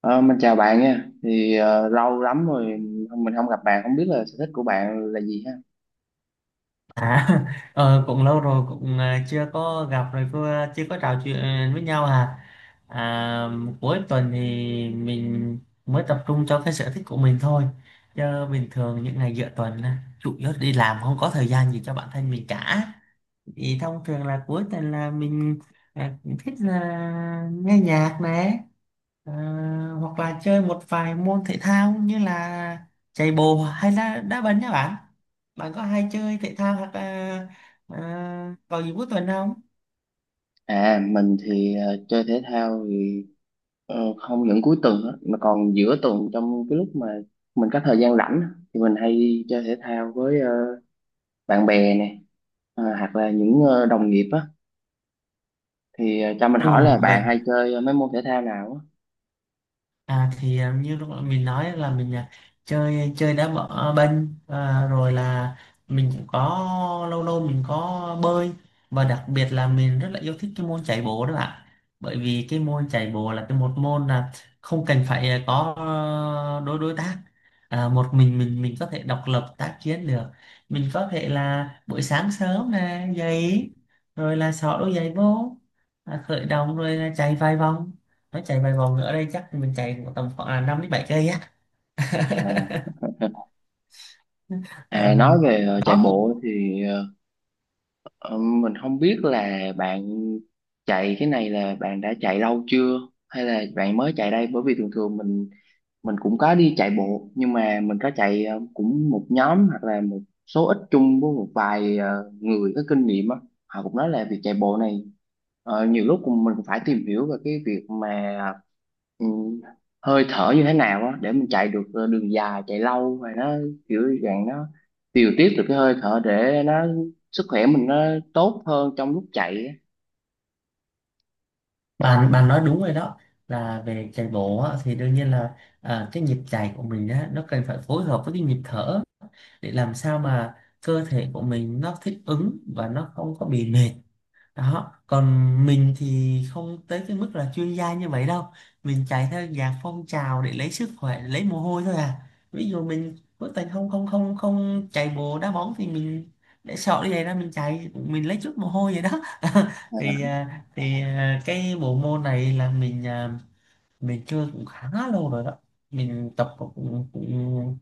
Ờ, mình chào bạn nha. Lâu lắm rồi mình không gặp bạn, không biết là sở thích của bạn là gì ha. À, ờ, cũng lâu rồi, chưa có gặp rồi chưa có trò chuyện với nhau à. à Cuối tuần thì mình mới tập trung cho cái sở thích của mình thôi, chứ bình thường những ngày giữa tuần á, chủ yếu đi làm không có thời gian gì cho bản thân mình cả. Thì thông thường là cuối tuần là mình ờ, thích là nghe nhạc này. Ờ, Hoặc là chơi một vài môn thể thao như là chạy bộ hay là đá banh nhá bạn. Bạn có hay chơi thể thao hoặc là ờ, vào dịp cuối tuần không? À, mình thì chơi thể thao thì không những cuối tuần á, mà còn giữa tuần trong cái lúc mà mình có thời gian rảnh á, thì mình hay chơi thể thao với bạn bè nè, hoặc là những đồng nghiệp á. Cho mình hỏi là Ồ vậy. bạn hay chơi mấy môn thể thao nào À thì à, như lúc nãy mình nói là mình chơi chơi đá bọ banh à, rồi là mình cũng có lâu lâu mình có bơi, và đặc biệt là mình rất là yêu thích cái môn chạy bộ đó bạn. Bởi vì cái môn chạy bộ là cái một môn là không cần phải có à, đối đối tác. Một mình có thể độc lập tác chiến được. Mình có thể là buổi sáng sớm nè dậy rồi là xỏ đôi giày vô, khởi động rồi là chạy vài vòng. Nó chạy vài vòng ở đây chắc mình chạy tầm khoảng là 5 đến 7 cây á. á? À, Ờ, nói về chạy đó cũng… bộ thì Ờ, mình không biết là bạn chạy cái này là bạn đã chạy lâu chưa hay là bạn mới chạy đây, bởi vì thường thường mình cũng có đi chạy bộ, nhưng mà mình có chạy cũng một nhóm hoặc là một số ít chung với một vài người có kinh nghiệm á. Họ cũng nói là việc chạy bộ này nhiều lúc mình cũng phải tìm hiểu về cái việc mà ừ, hơi thở như thế nào á để mình chạy được đường dài, chạy lâu và nó kiểu dạng nó điều tiết được cái hơi thở để nó sức khỏe mình nó tốt hơn trong lúc chạy á. bạn bạn nói đúng rồi đó. Là về chạy bộ á, thì đương nhiên là cái nhịp chạy của mình á, nó cần phải phối hợp với cái nhịp thở để làm sao mà cơ thể của mình nó thích ứng và nó không có bị mệt đó. Còn mình thì không tới cái mức là chuyên gia như vậy đâu, mình chạy theo dạng phong trào để lấy sức khỏe lấy mồ hôi thôi à. Ví dụ mình cuối tuần không không không không chạy bộ đá bóng thì mình để sợ đi vậy ra mình chạy mình lấy chút mồ hôi vậy đó. Ờ, Cái bộ môn này là mình chơi cũng khá lâu rồi đó. Mình tập cũng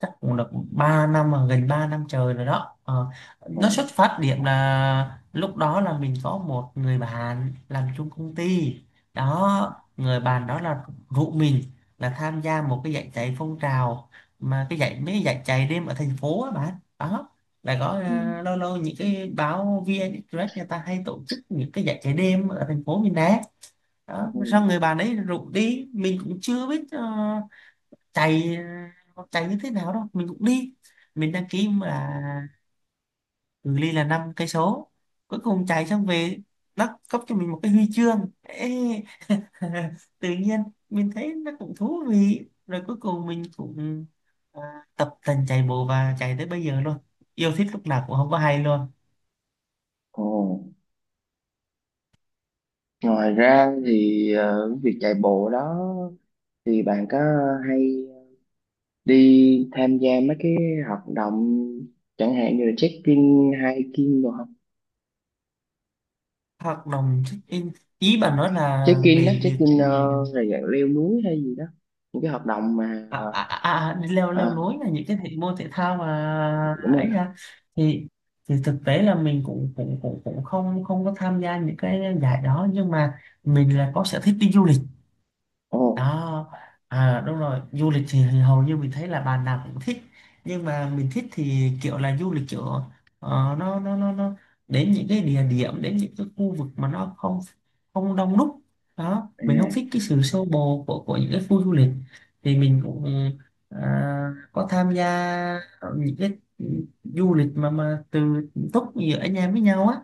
chắc cũng được 3 năm à, gần 3 năm trời rồi đó. Ờ, ờ, nó xuất phát điểm là lúc đó là mình có một người bạn làm chung công ty đó. Người bạn đó là rủ mình là tham gia một cái giải chạy phong trào, mà cái giải mấy giải chạy đêm ở thành phố á bạn. Đó là có ừ, ờ, lâu lâu những cái báo VN Express người ta hay tổ chức những cái giải chạy đêm ở thành phố mình nè. Đó ừ. xong người bạn ấy rủ đi, mình cũng chưa biết chạy con chạy như thế nào đâu, mình cũng đi. Mình đăng ký là cự ly là năm cây số. Cuối cùng chạy xong về, nó cấp cho mình một cái huy chương. Ê, tự nhiên mình thấy nó cũng thú vị, rồi cuối cùng mình cũng à, tập tành chạy bộ và chạy tới bây giờ luôn. Yêu thích lúc nào cũng không có hay luôn. Ồ, ngoài ra thì việc chạy bộ đó thì bạn có hay đi tham gia mấy cái hoạt động chẳng hạn như là check-in, hiking đồ không? Hoạt động check-in, ý bạn nói là Check-in đó, về việc… check-in ừ, là dạng leo núi hay gì đó, những cái hoạt động mà đi leo à, leo núi là những cái thể môn thể thao mà đúng ấy rồi. ra. thì thì thực tế là mình cũng cũng cũng cũng không không có tham gia những cái giải đó, nhưng mà mình là có sở thích đi du lịch ồ đó. À đúng rồi, du lịch thì hầu như mình thấy là bạn nào cũng thích, nhưng mà mình thích thì kiểu là du lịch kiểu nó đến những cái địa điểm, đến những cái khu vực mà nó không không đông đúc đó. à, Mình không thích cái sự xô bồ của những cái khu du lịch. Thì mình cũng ờ, có tham gia những cái du lịch mà từ túc giữa anh em với nhau á.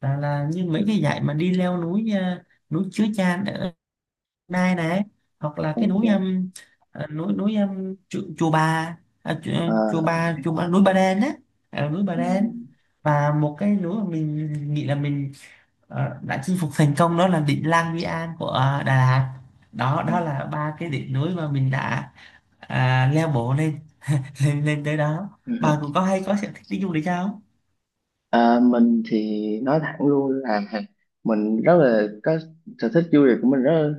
Là Như ừ, mấy cái dạy mà đi leo núi, núi Chứa Chan Nai này, hoặc là cái ok. Núi chùa Bà, à, chùa, Ờ, núi Bà Đen á. Núi Bà ừ, Đen. Và một cái núi mà mình nghĩ là mình đã chinh phục thành công đó là đỉnh Lang Biang An của Đà Lạt đó. ừ, Đó là ba cái đỉnh núi mà mình đã leo bộ lên lên lên tới đó. ừ. ừ. Bà cũng có hay có sở thích đi du lịch không? À, mình thì nói thẳng luôn là mình rất là có sở thích du lịch của mình rất,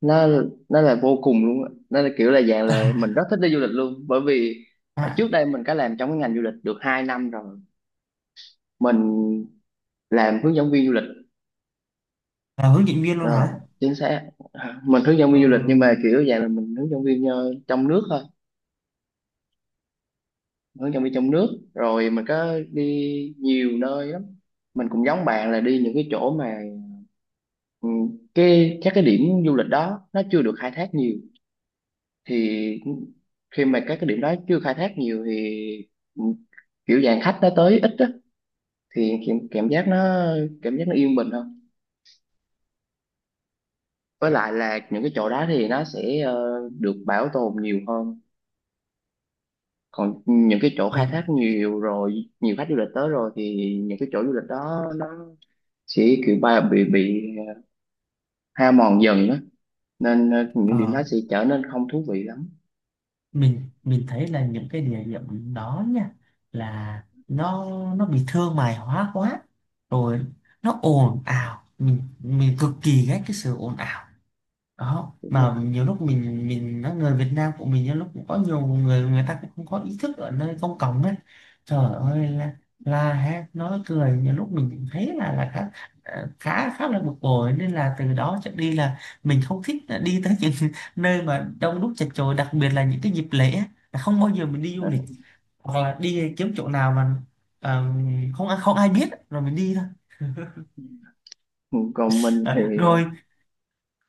nó nó là vô cùng luôn á, nó là kiểu là dạng là mình rất thích đi du lịch luôn, bởi vì ở À, trước đây mình có làm trong cái ngành du lịch được 2 năm rồi. Mình làm hướng dẫn viên du lịch. là hướng dẫn viên luôn Ờ, hả? chính xác. Mình hướng dẫn Ờ, viên du lịch, nhưng mà kiểu dạng là mình hướng dẫn viên trong nước thôi. Hướng dẫn viên trong nước, rồi mình có đi nhiều nơi lắm. Mình cũng giống bạn là đi những cái chỗ mà ừ, cái các cái điểm du lịch đó nó chưa được khai thác nhiều. Thì khi mà các cái điểm đó chưa khai thác nhiều thì kiểu dạng khách nó tới ít á, thì cảm giác nó, cảm giác nó yên bình hơn. Với lại là những cái chỗ đó thì nó sẽ được bảo tồn nhiều hơn. Còn những cái chỗ khai thác mình… nhiều rồi, nhiều khách du lịch tới rồi, thì những cái chỗ du lịch đó nó sẽ kiểu ba bị hao mòn dần đó, nên những điểm ờ, đó sẽ trở nên không thú vị lắm. Mình thấy là những cái địa điểm đó nha, là nó bị thương mại hóa quá rồi, nó ồn ào. Mình cực kỳ ghét cái sự ồn ào đó. Đúng rồi. Mà nhiều lúc mình nói người Việt Nam của mình nhiều lúc cũng có nhiều người, người ta cũng không có ý thức ở nơi công cộng ấy. Trời ơi là ha, nói cười nhiều lúc mình cũng thấy là khá ờ, khá khá là bực bội. Nên là từ đó trở đi là mình không thích là đi tới những nơi mà đông đúc chật chội, đặc biệt là những cái dịp lễ á, là không bao giờ mình đi du lịch. Hoặc là đi kiếm chỗ nào mà ờ, không không ai biết rồi mình đi thôi. Ừ, còn mình thì Ờ, rồi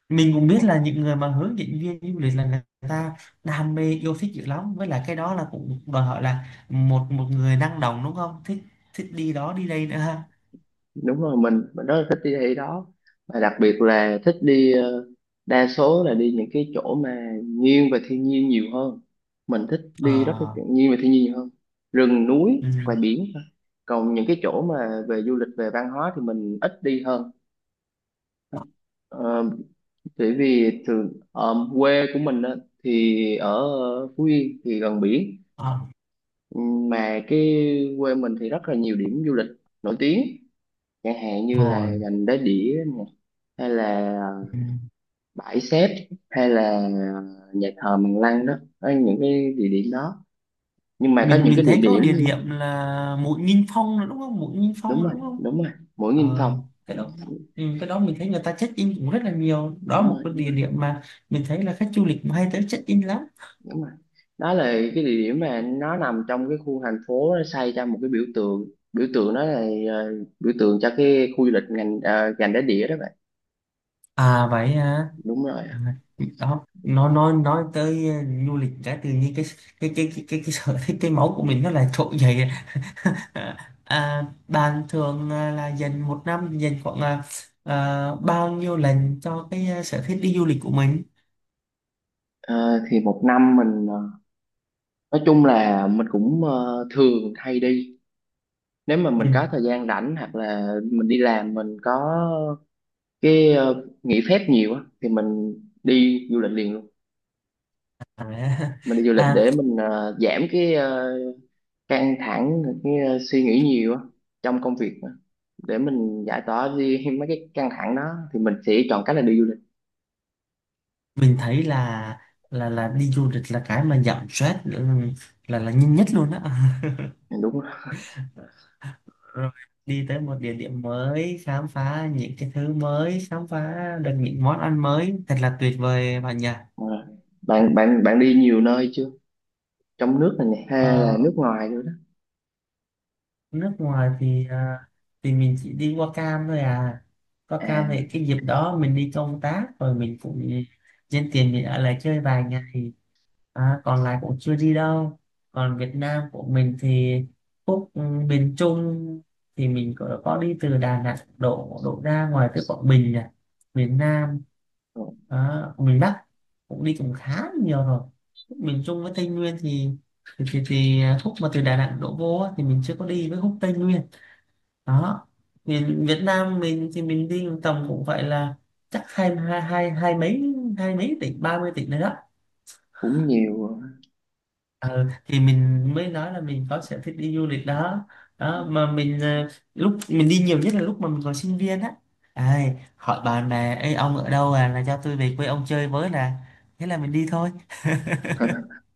mình cũng biết ờ, là những người mà hướng dẫn viên du lịch là người ta đam mê yêu thích dữ lắm, với lại cái đó là cũng đòi hỏi là một một người năng động đúng không, thích thích đi đó đi đây nữa ha. đúng rồi, mình rất là thích đi thị đó, và đặc biệt là thích đi đa số là đi những cái chỗ mà nghiêng về thiên nhiên nhiều hơn. Mình thích Ờ. đi rất là chuyện nghiêng về thiên nhiên nhiều hơn, rừng núi hoặc Ừ, là biển thôi. Còn những cái chỗ mà về du lịch về văn hóa thì mình ít đi hơn. Ờ, bởi vì thường quê của mình á, thì ở Phú Yên thì gần biển. ờ, Mà cái quê mình thì rất là nhiều điểm du lịch nổi tiếng, chẳng hạn như là rồi. gành Đá Đĩa nè, hay là Ừ. bãi Xép, hay là nhà thờ Mằng Lăng đó. Đó là những cái địa điểm đó, nhưng mà có mình những mình cái địa thấy có địa điểm điểm là Mũi Nghinh Phong nữa đúng không, Mũi Nghinh đúng Phong nữa rồi, đúng không? đúng rồi, Mũi nghìn Ờ, phòng, cái đó… ừ, cái đó mình thấy người ta check in cũng rất là nhiều. Đó là đúng một rồi, cái đúng địa rồi, điểm mà mình thấy là khách du lịch cũng hay tới check in lắm. đúng rồi. Đó là cái địa điểm mà nó nằm trong cái khu thành phố, nó xây ra một cái biểu tượng. Biểu tượng đó là ờ, biểu tượng cho cái khu du lịch ngành gành Đá Đĩa đó bạn. À vậy hả. Đúng rồi. À, đó nó nói tới du lịch, cái tự nhiên cái cái sở thích cái máu của mình nó lại trỗi dậy. À, bạn thường là dành một năm dành khoảng bao nhiêu lần cho cái sở thích đi du lịch của mình? Ờ, thì một năm mình nói chung là mình cũng thường hay đi. Nếu mà mình Ừ. có thời gian rảnh hoặc là mình đi làm mình có cái nghỉ phép nhiều á thì mình đi du lịch liền luôn. À, Mình đi du lịch à, để mình giảm cái căng thẳng, cái suy nghĩ nhiều á trong công việc á, để mình giải tỏa đi mấy cái căng thẳng đó, thì mình sẽ chọn cách là đi du lịch. mình thấy là đi du lịch là cái mà giảm stress, ừ, là nhanh nhất luôn đó. Ừ, đúng rồi. Rồi đi tới một địa điểm mới, khám phá những cái thứ mới, khám phá được những món ăn mới, thật là tuyệt vời bạn nhỉ. Ờ, bạn bạn bạn đi nhiều nơi chưa, trong nước này nè hay là Ờ, nước ngoài nữa đó? nước ngoài thì thì mình chỉ đi qua Cam thôi à. Qua Cam À, thì cái dịp đó mình đi công tác rồi mình cũng nhân tiền mình ở lại chơi vài ngày. À, còn lại cũng chưa đi đâu. Còn Việt Nam của mình thì khúc ừ, miền Trung thì mình có đi từ Đà Nẵng đổ đổ ra ngoài tới Quảng Bình à. Miền Nam. Đó, miền Bắc cũng đi cũng khá là nhiều rồi. Khúc miền Trung với Tây Nguyên thì thì Phúc mà từ Đà Nẵng đổ vô á, thì mình chưa có đi với Phúc Tây Nguyên đó. Miền Việt Nam mình thì mình đi tầm cũng phải là chắc hai hai hai hai hai mấy tỉnh ba mươi tỉnh nữa đó. cũng nhiều. Ờ, thì mình mới nói là mình có sở thích đi du lịch đó. Đó mà mình lúc mình đi nhiều nhất là lúc mà mình còn sinh viên á. Ai, hỏi bạn bè: Ê, ông ở đâu à, là cho tôi về quê ông chơi với, là thế là mình đi thôi.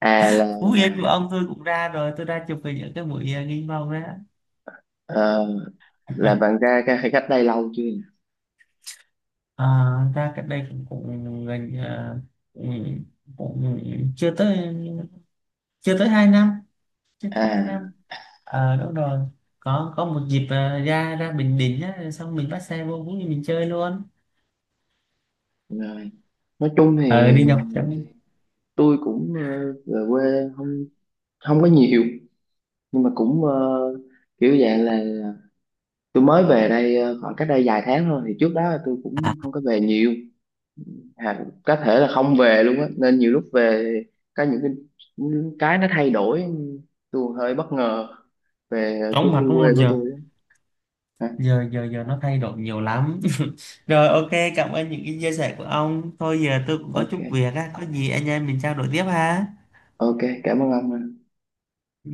À là, Phú Yên của ông tôi cũng ra rồi, tôi ra chụp hình ở cái buổi nghinh mông đó. ờ, là bạn ra cái khách đây lâu chưa nhỉ? À, ra cách đây cũng cũng gần cũng, cũng chưa tới hai năm, chưa tới hai năm. À Ờ đúng rồi, có một dịp ra ra Bình Định á, xong mình bắt xe vô Phú Yên mình chơi luôn. rồi, nói chung Ờ thì đi dọc trong. tôi cũng về quê không, không có nhiều, nhưng mà cũng kiểu dạng là tôi mới về đây khoảng cách đây vài tháng thôi. Thì trước đó là tôi cũng không có về nhiều, à, có thể là không về luôn á. Nên nhiều lúc về có những cái nó thay đổi, tôi hơi bất ngờ về Chóng cái mặt đúng quê không? của Giờ tôi á. À, giờ nó thay đổi nhiều lắm. Rồi, ok, cảm ơn những cái chia sẻ của ông. Thôi giờ tôi cũng có chút ok, việc á, có gì anh em mình trao đổi tiếp ha. ok, cảm ơn ông. Ừ.